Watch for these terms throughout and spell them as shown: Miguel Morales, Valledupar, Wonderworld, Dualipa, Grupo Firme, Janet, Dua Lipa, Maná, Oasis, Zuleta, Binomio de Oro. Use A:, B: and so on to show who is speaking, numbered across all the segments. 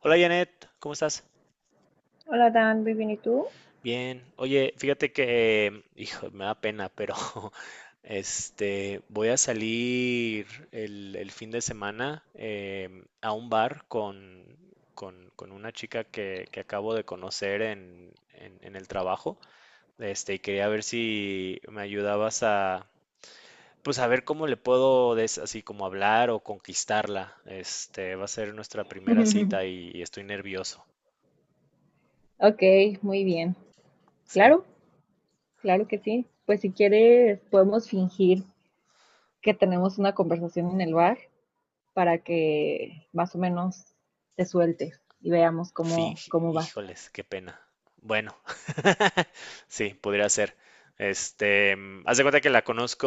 A: Hola Janet, ¿cómo estás?
B: Hola Dan, muy bien, ¿y tú?
A: Bien. Oye, fíjate que, hijo, me da pena, pero voy a salir el fin de semana a un bar con una chica que acabo de conocer en el trabajo. Y quería ver si me ayudabas a, pues a ver cómo le puedo así como hablar o conquistarla. Va a ser nuestra primera cita y estoy nervioso,
B: Ok, muy bien.
A: ¿sí?
B: Claro, claro que sí. Pues si quieres, podemos fingir que tenemos una conversación en el bar para que más o menos te sueltes y veamos cómo,
A: Finge,
B: cómo vas.
A: híjoles, qué pena. Bueno, sí, podría ser. Haz de cuenta que la conozco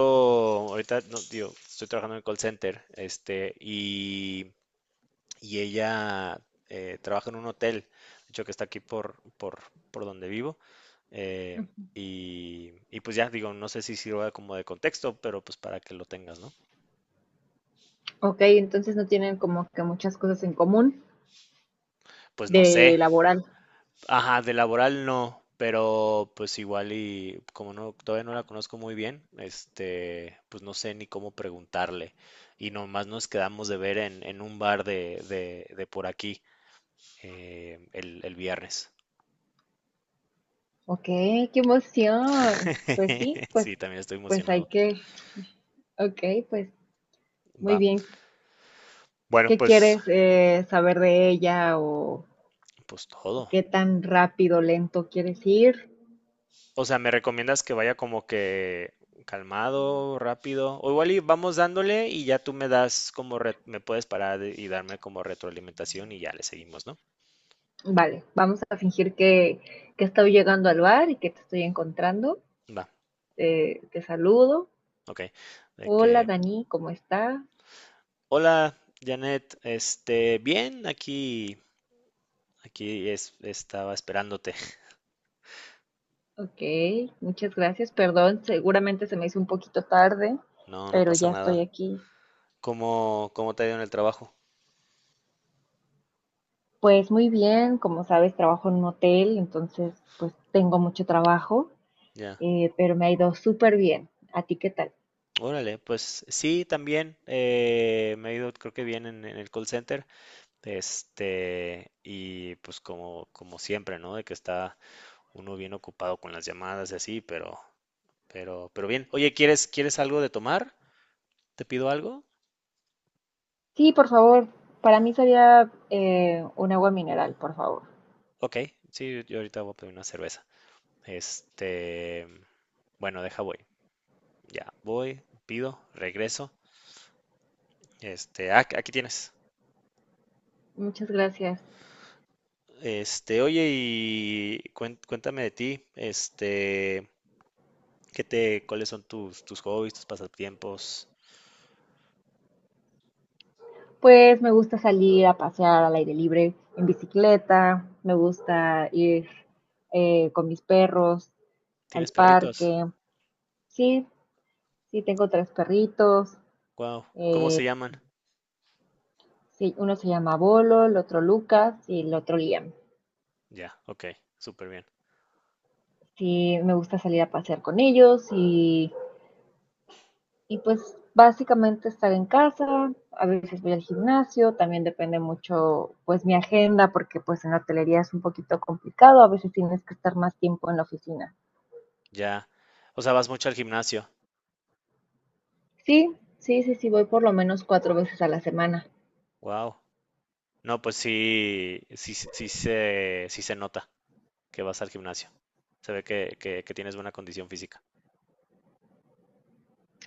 A: ahorita, no, digo, estoy trabajando en el call center, y ella trabaja en un hotel, de hecho que está aquí por donde vivo. eh, y, y pues ya, digo, no sé si sirva como de contexto, pero pues para que lo tengas, ¿no?
B: Ok, entonces no tienen como que muchas cosas en común
A: Pues no
B: de
A: sé.
B: laboral.
A: Ajá, de laboral no, pero pues igual y como no, todavía no la conozco muy bien, pues no sé ni cómo preguntarle. Y nomás nos quedamos de ver en un bar de por aquí, el viernes.
B: Ok, qué emoción. Pues sí, pues,
A: Sí, también estoy
B: pues hay
A: emocionado.
B: que. Ok, pues muy
A: Va.
B: bien.
A: Bueno,
B: ¿Qué
A: pues,
B: quieres saber de ella
A: pues
B: o
A: todo.
B: qué tan rápido, lento quieres ir.
A: O sea, ¿me recomiendas que vaya como que calmado, rápido? O igual y vamos dándole y ya tú me das como me puedes parar y darme como retroalimentación y ya le seguimos, ¿no?
B: Vale, vamos a fingir que estoy llegando al bar y que te estoy encontrando.
A: Va,
B: Te saludo.
A: ok. De
B: Hola
A: que,
B: Dani, ¿cómo estás?
A: hola, Janet, bien, aquí es, estaba esperándote.
B: Ok, muchas gracias. Perdón, seguramente se me hizo un poquito tarde,
A: No, no
B: pero
A: pasa
B: ya estoy
A: nada.
B: aquí.
A: ¿Cómo te ha ido en el trabajo?
B: Pues muy bien, como sabes, trabajo en un hotel, entonces pues tengo mucho trabajo,
A: Ya.
B: pero me ha ido súper bien. ¿A ti qué tal?
A: Órale, pues sí, también me ha ido, creo que bien en el call center. Y pues como, como siempre, ¿no? De que está uno bien ocupado con las llamadas y así, pero bien. Oye, ¿quieres algo de tomar? ¿Te pido algo?
B: Sí, por favor, para mí sería un agua mineral, por favor.
A: Ok, sí, yo ahorita voy a pedir una cerveza. Este, bueno, deja voy. Ya, voy, pido, regreso. Aquí tienes.
B: Muchas gracias.
A: Oye, y cuéntame de ti. ¿Qué te, cuáles son tus, tus hobbies, tus pasatiempos?
B: Pues me gusta salir a pasear al aire libre en bicicleta, me gusta ir con mis perros al
A: ¿Tienes perritos?
B: parque. Sí, sí, tengo tres perritos.
A: Wow, ¿cómo se llaman?
B: Sí, uno se llama Bolo, el otro Lucas y el otro Liam.
A: Ya, ok, súper bien.
B: Sí, me gusta salir a pasear con ellos y pues básicamente estar en casa, a veces voy al gimnasio, también depende mucho pues mi agenda, porque pues en la hotelería es un poquito complicado, a veces tienes que estar más tiempo en la oficina.
A: Ya. O sea, vas mucho al gimnasio.
B: Sí, sí, sí, sí, voy por lo menos cuatro veces a la semana.
A: Wow. No, pues sí, sí, sí se nota que vas al gimnasio. Se ve que tienes buena condición física.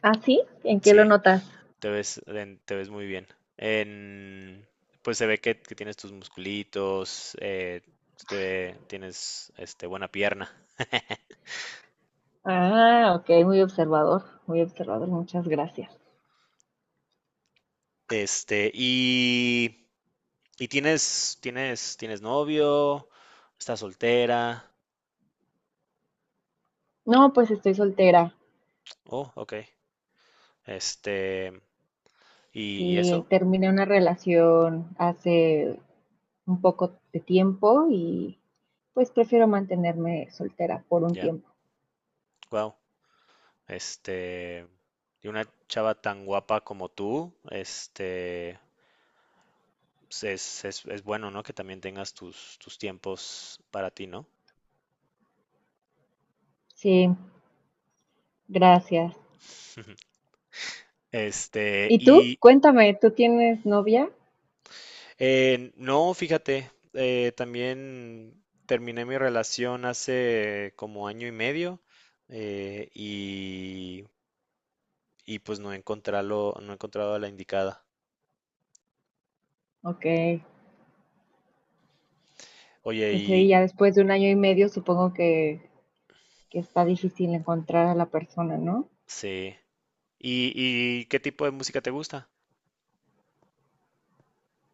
B: ¿Ah, sí? ¿En qué
A: Sí.
B: lo notas?
A: Te ves, te ves muy bien. En- pues se ve que tienes tus musculitos, tienes buena pierna.
B: Ah, ok, muy observador, muchas gracias.
A: Y, y tienes, tienes novio, estás soltera.
B: No, pues estoy soltera.
A: Oh, ok. Este, y, y
B: Sí,
A: eso,
B: terminé una relación hace un poco de tiempo y pues prefiero mantenerme soltera por un
A: ya.
B: tiempo.
A: Wow. Este, y una chava tan guapa como tú, pues es, es bueno, ¿no? Que también tengas tus, tus tiempos para ti, ¿no?
B: Sí, gracias. ¿Y tú?
A: Y
B: Cuéntame, ¿tú tienes novia?
A: no, fíjate, también terminé mi relación hace como año y medio eh, y, y pues no he encontrado, no he encontrado a la indicada.
B: Ok,
A: Oye,
B: pues sí,
A: y
B: ya después de un año y medio supongo que está difícil encontrar a la persona, ¿no?
A: sí. ¿Y, y qué tipo de música te gusta?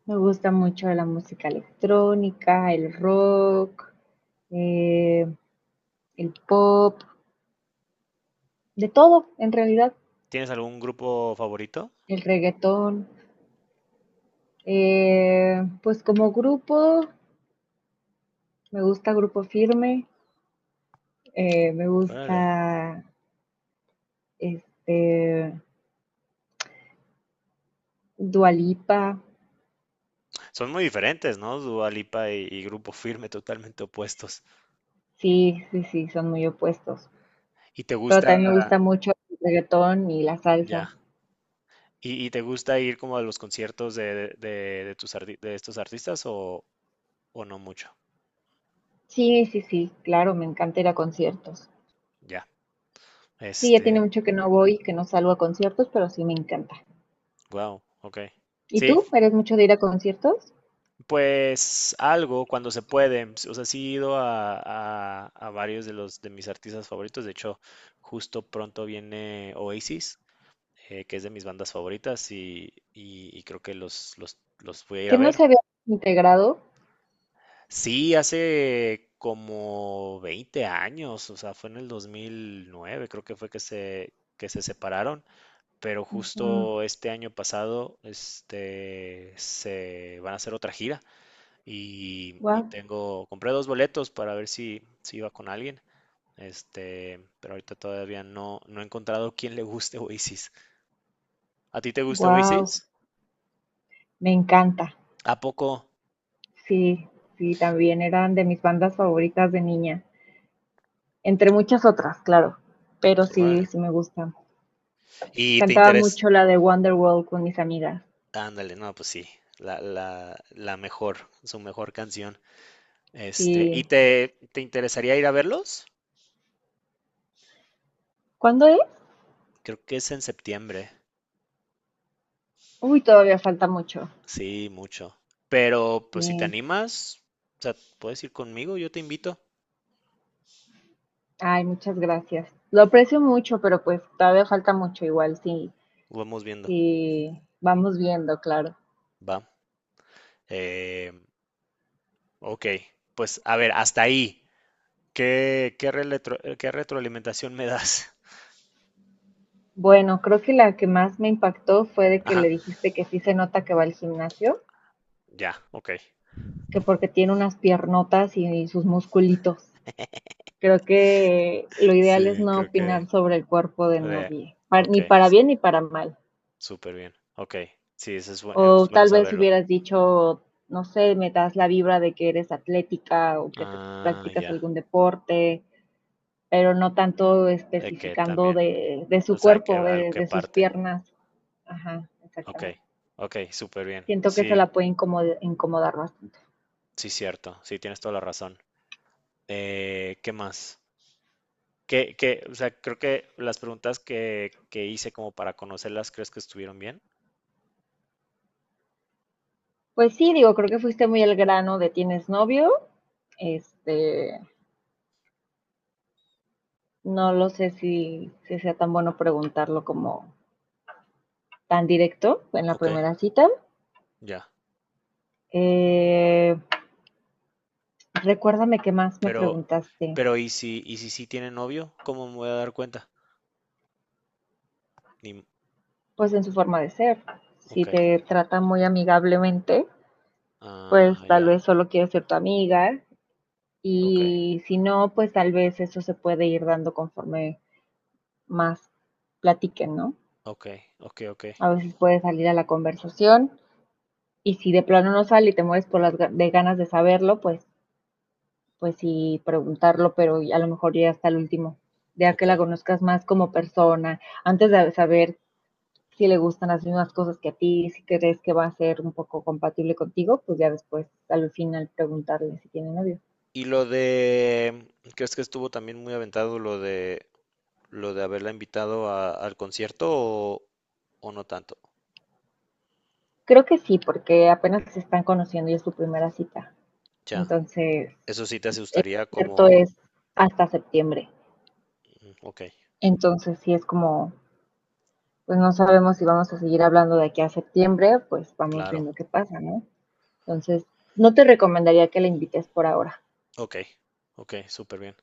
B: Me gusta mucho la música electrónica, el rock, eh, el pop, de todo en realidad,
A: ¿Tienes algún grupo favorito?
B: el reggaetón. Pues como grupo, me gusta Grupo Firme, me gusta
A: Órale.
B: este Dualipa.
A: Son muy diferentes, ¿no? Dua Lipa y Grupo Firme, totalmente opuestos.
B: Sí, sí, sí, son muy opuestos.
A: ¿Y te
B: Pero
A: gusta?
B: también me gusta mucho el reggaetón y la salsa.
A: Ya. Y te gusta ir como a los conciertos de tus de estos artistas o no mucho?
B: Sí, sí, sí, claro, me encanta ir a conciertos.
A: Ya.
B: Sí, ya tiene
A: Este,
B: mucho que no voy, que no salgo a conciertos, pero sí me encanta.
A: wow, ok.
B: ¿Y
A: Sí,
B: tú? ¿Eres mucho de ir a conciertos?
A: pues algo cuando se puede. O sea, sí he ido a varios de los de mis artistas favoritos. De hecho, justo pronto viene Oasis, que es de mis bandas favoritas, y, y creo que los voy a ir
B: Que
A: a
B: no
A: ver.
B: se había integrado.
A: Sí, hace como 20 años, o sea, fue en el 2009, creo que fue que se separaron, pero justo este año pasado, se van a hacer otra gira y
B: Wow,
A: tengo, compré dos boletos para ver si, si iba con alguien, pero ahorita todavía no, no he encontrado quién le guste Oasis. ¿A ti te gusta Oasis?
B: wow, me encanta.
A: ¿A poco?
B: Sí, sí, también eran de mis bandas favoritas de niña, entre muchas otras, claro, pero sí,
A: Órale.
B: sí me gusta.
A: ¿Y te
B: Cantaba
A: interesa?
B: mucho la de Wonderworld con mis amigas.
A: Ándale, no, pues sí, la mejor, su mejor canción. ¿Y
B: Sí.
A: te interesaría ir a verlos?
B: ¿Cuándo es?
A: Creo que es en septiembre,
B: Uy, todavía falta mucho.
A: sí, mucho. Pero pues si te
B: Sí.
A: animas, o sea, puedes ir conmigo, yo te invito,
B: Ay, muchas gracias. Lo aprecio mucho, pero pues todavía falta mucho igual, sí.
A: vamos viendo,
B: Sí, vamos viendo, claro.
A: va. Eh, ok, pues a ver, hasta ahí. ¿Qué, qué, qué retroalimentación me das?
B: Bueno, creo que la que más me impactó fue de que
A: Ajá,
B: le dijiste que sí se nota que va al gimnasio,
A: ya, ok.
B: que porque tiene unas piernotas y sus musculitos. Creo que lo ideal es
A: Sí,
B: no
A: creo que...
B: opinar sobre el cuerpo de
A: de-
B: nadie, par-
A: ok,
B: ni para
A: sí.
B: bien ni para mal.
A: Súper bien. Ok. Sí, eso es,
B: O
A: es bueno
B: tal vez
A: saberlo.
B: hubieras dicho, no sé, me das la vibra de que eres atlética o que te
A: Ah,
B: practicas
A: ya.
B: algún deporte, pero no tanto
A: De que
B: especificando
A: también.
B: de
A: O
B: su
A: sea, que,
B: cuerpo,
A: al que
B: de sus
A: parte.
B: piernas. Ajá,
A: Ok.
B: exactamente.
A: Ok, súper bien.
B: Siento que eso
A: Sí,
B: la puede incomod- incomodar bastante.
A: sí, cierto. Sí, tienes toda la razón. ¿Qué más? ¿Qué, qué, o sea, creo que las preguntas que hice como para conocerlas, ¿crees que estuvieron bien?
B: Pues sí, digo, creo que fuiste muy el grano de tienes novio, este, no lo sé si sea tan bueno preguntarlo como tan directo en la
A: Ok,
B: primera cita.
A: ya.
B: Eh, recuérdame qué más me
A: Pero,
B: preguntaste.
A: pero y si sí tiene novio? ¿Cómo me voy a dar cuenta? Ni, m-
B: Pues en su forma de ser. Si
A: ok.
B: te trata muy amigablemente,
A: Ah,
B: pues tal
A: ya.
B: vez solo quiere ser tu amiga.
A: Ok.
B: Y si no, pues tal vez eso se puede ir dando conforme más platiquen, ¿no?
A: Ok. Ok, ok.
B: A veces puede salir a la conversación. Y si de plano no sale y te mueres por las de ganas de saberlo, pues pues sí, preguntarlo, pero a lo mejor ya hasta el último, ya que
A: Ok.
B: la conozcas más como persona, antes de saber si le gustan las mismas cosas que a ti, si crees que va a ser un poco compatible contigo, pues ya después al final preguntarle si tiene novio.
A: Y lo de, ¿crees que estuvo también muy aventado lo de haberla invitado al concierto o no tanto?
B: Creo que sí, porque apenas se están conociendo y es su primera cita.
A: Ya,
B: Entonces,
A: eso sí te
B: el
A: asustaría
B: cierto
A: como,
B: es hasta septiembre.
A: mm, ok,
B: Entonces, sí es como, pues no sabemos si vamos a seguir hablando de aquí a septiembre, pues vamos
A: claro,
B: viendo qué pasa, ¿no? Entonces, no te recomendaría que la invites por ahora.
A: ok, ok, súper bien.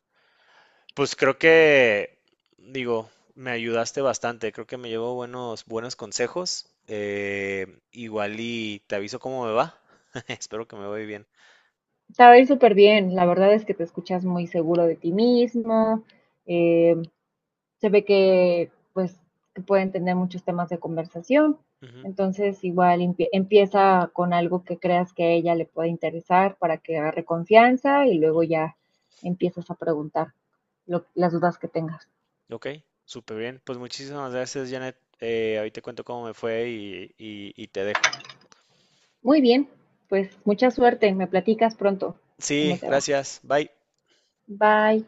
A: Pues creo que, digo, me ayudaste bastante, creo que me llevo buenos, buenos consejos. Igual y te aviso cómo me va. Espero que me vaya bien.
B: Te va a ir súper bien, la verdad es que te escuchas muy seguro de ti mismo, eh, se ve que pues que pueden tener muchos temas de conversación,
A: Ujú,
B: entonces igual empieza con algo que creas que a ella le pueda interesar para que agarre confianza y luego
A: ujú.
B: ya empiezas a preguntar lo, las dudas que tengas.
A: Ok, súper bien. Pues muchísimas gracias, Janet. Ahorita cuento cómo me fue y, y te dejo.
B: Muy bien, pues mucha suerte, me platicas pronto cómo
A: Sí,
B: te va.
A: gracias. Bye.
B: Bye.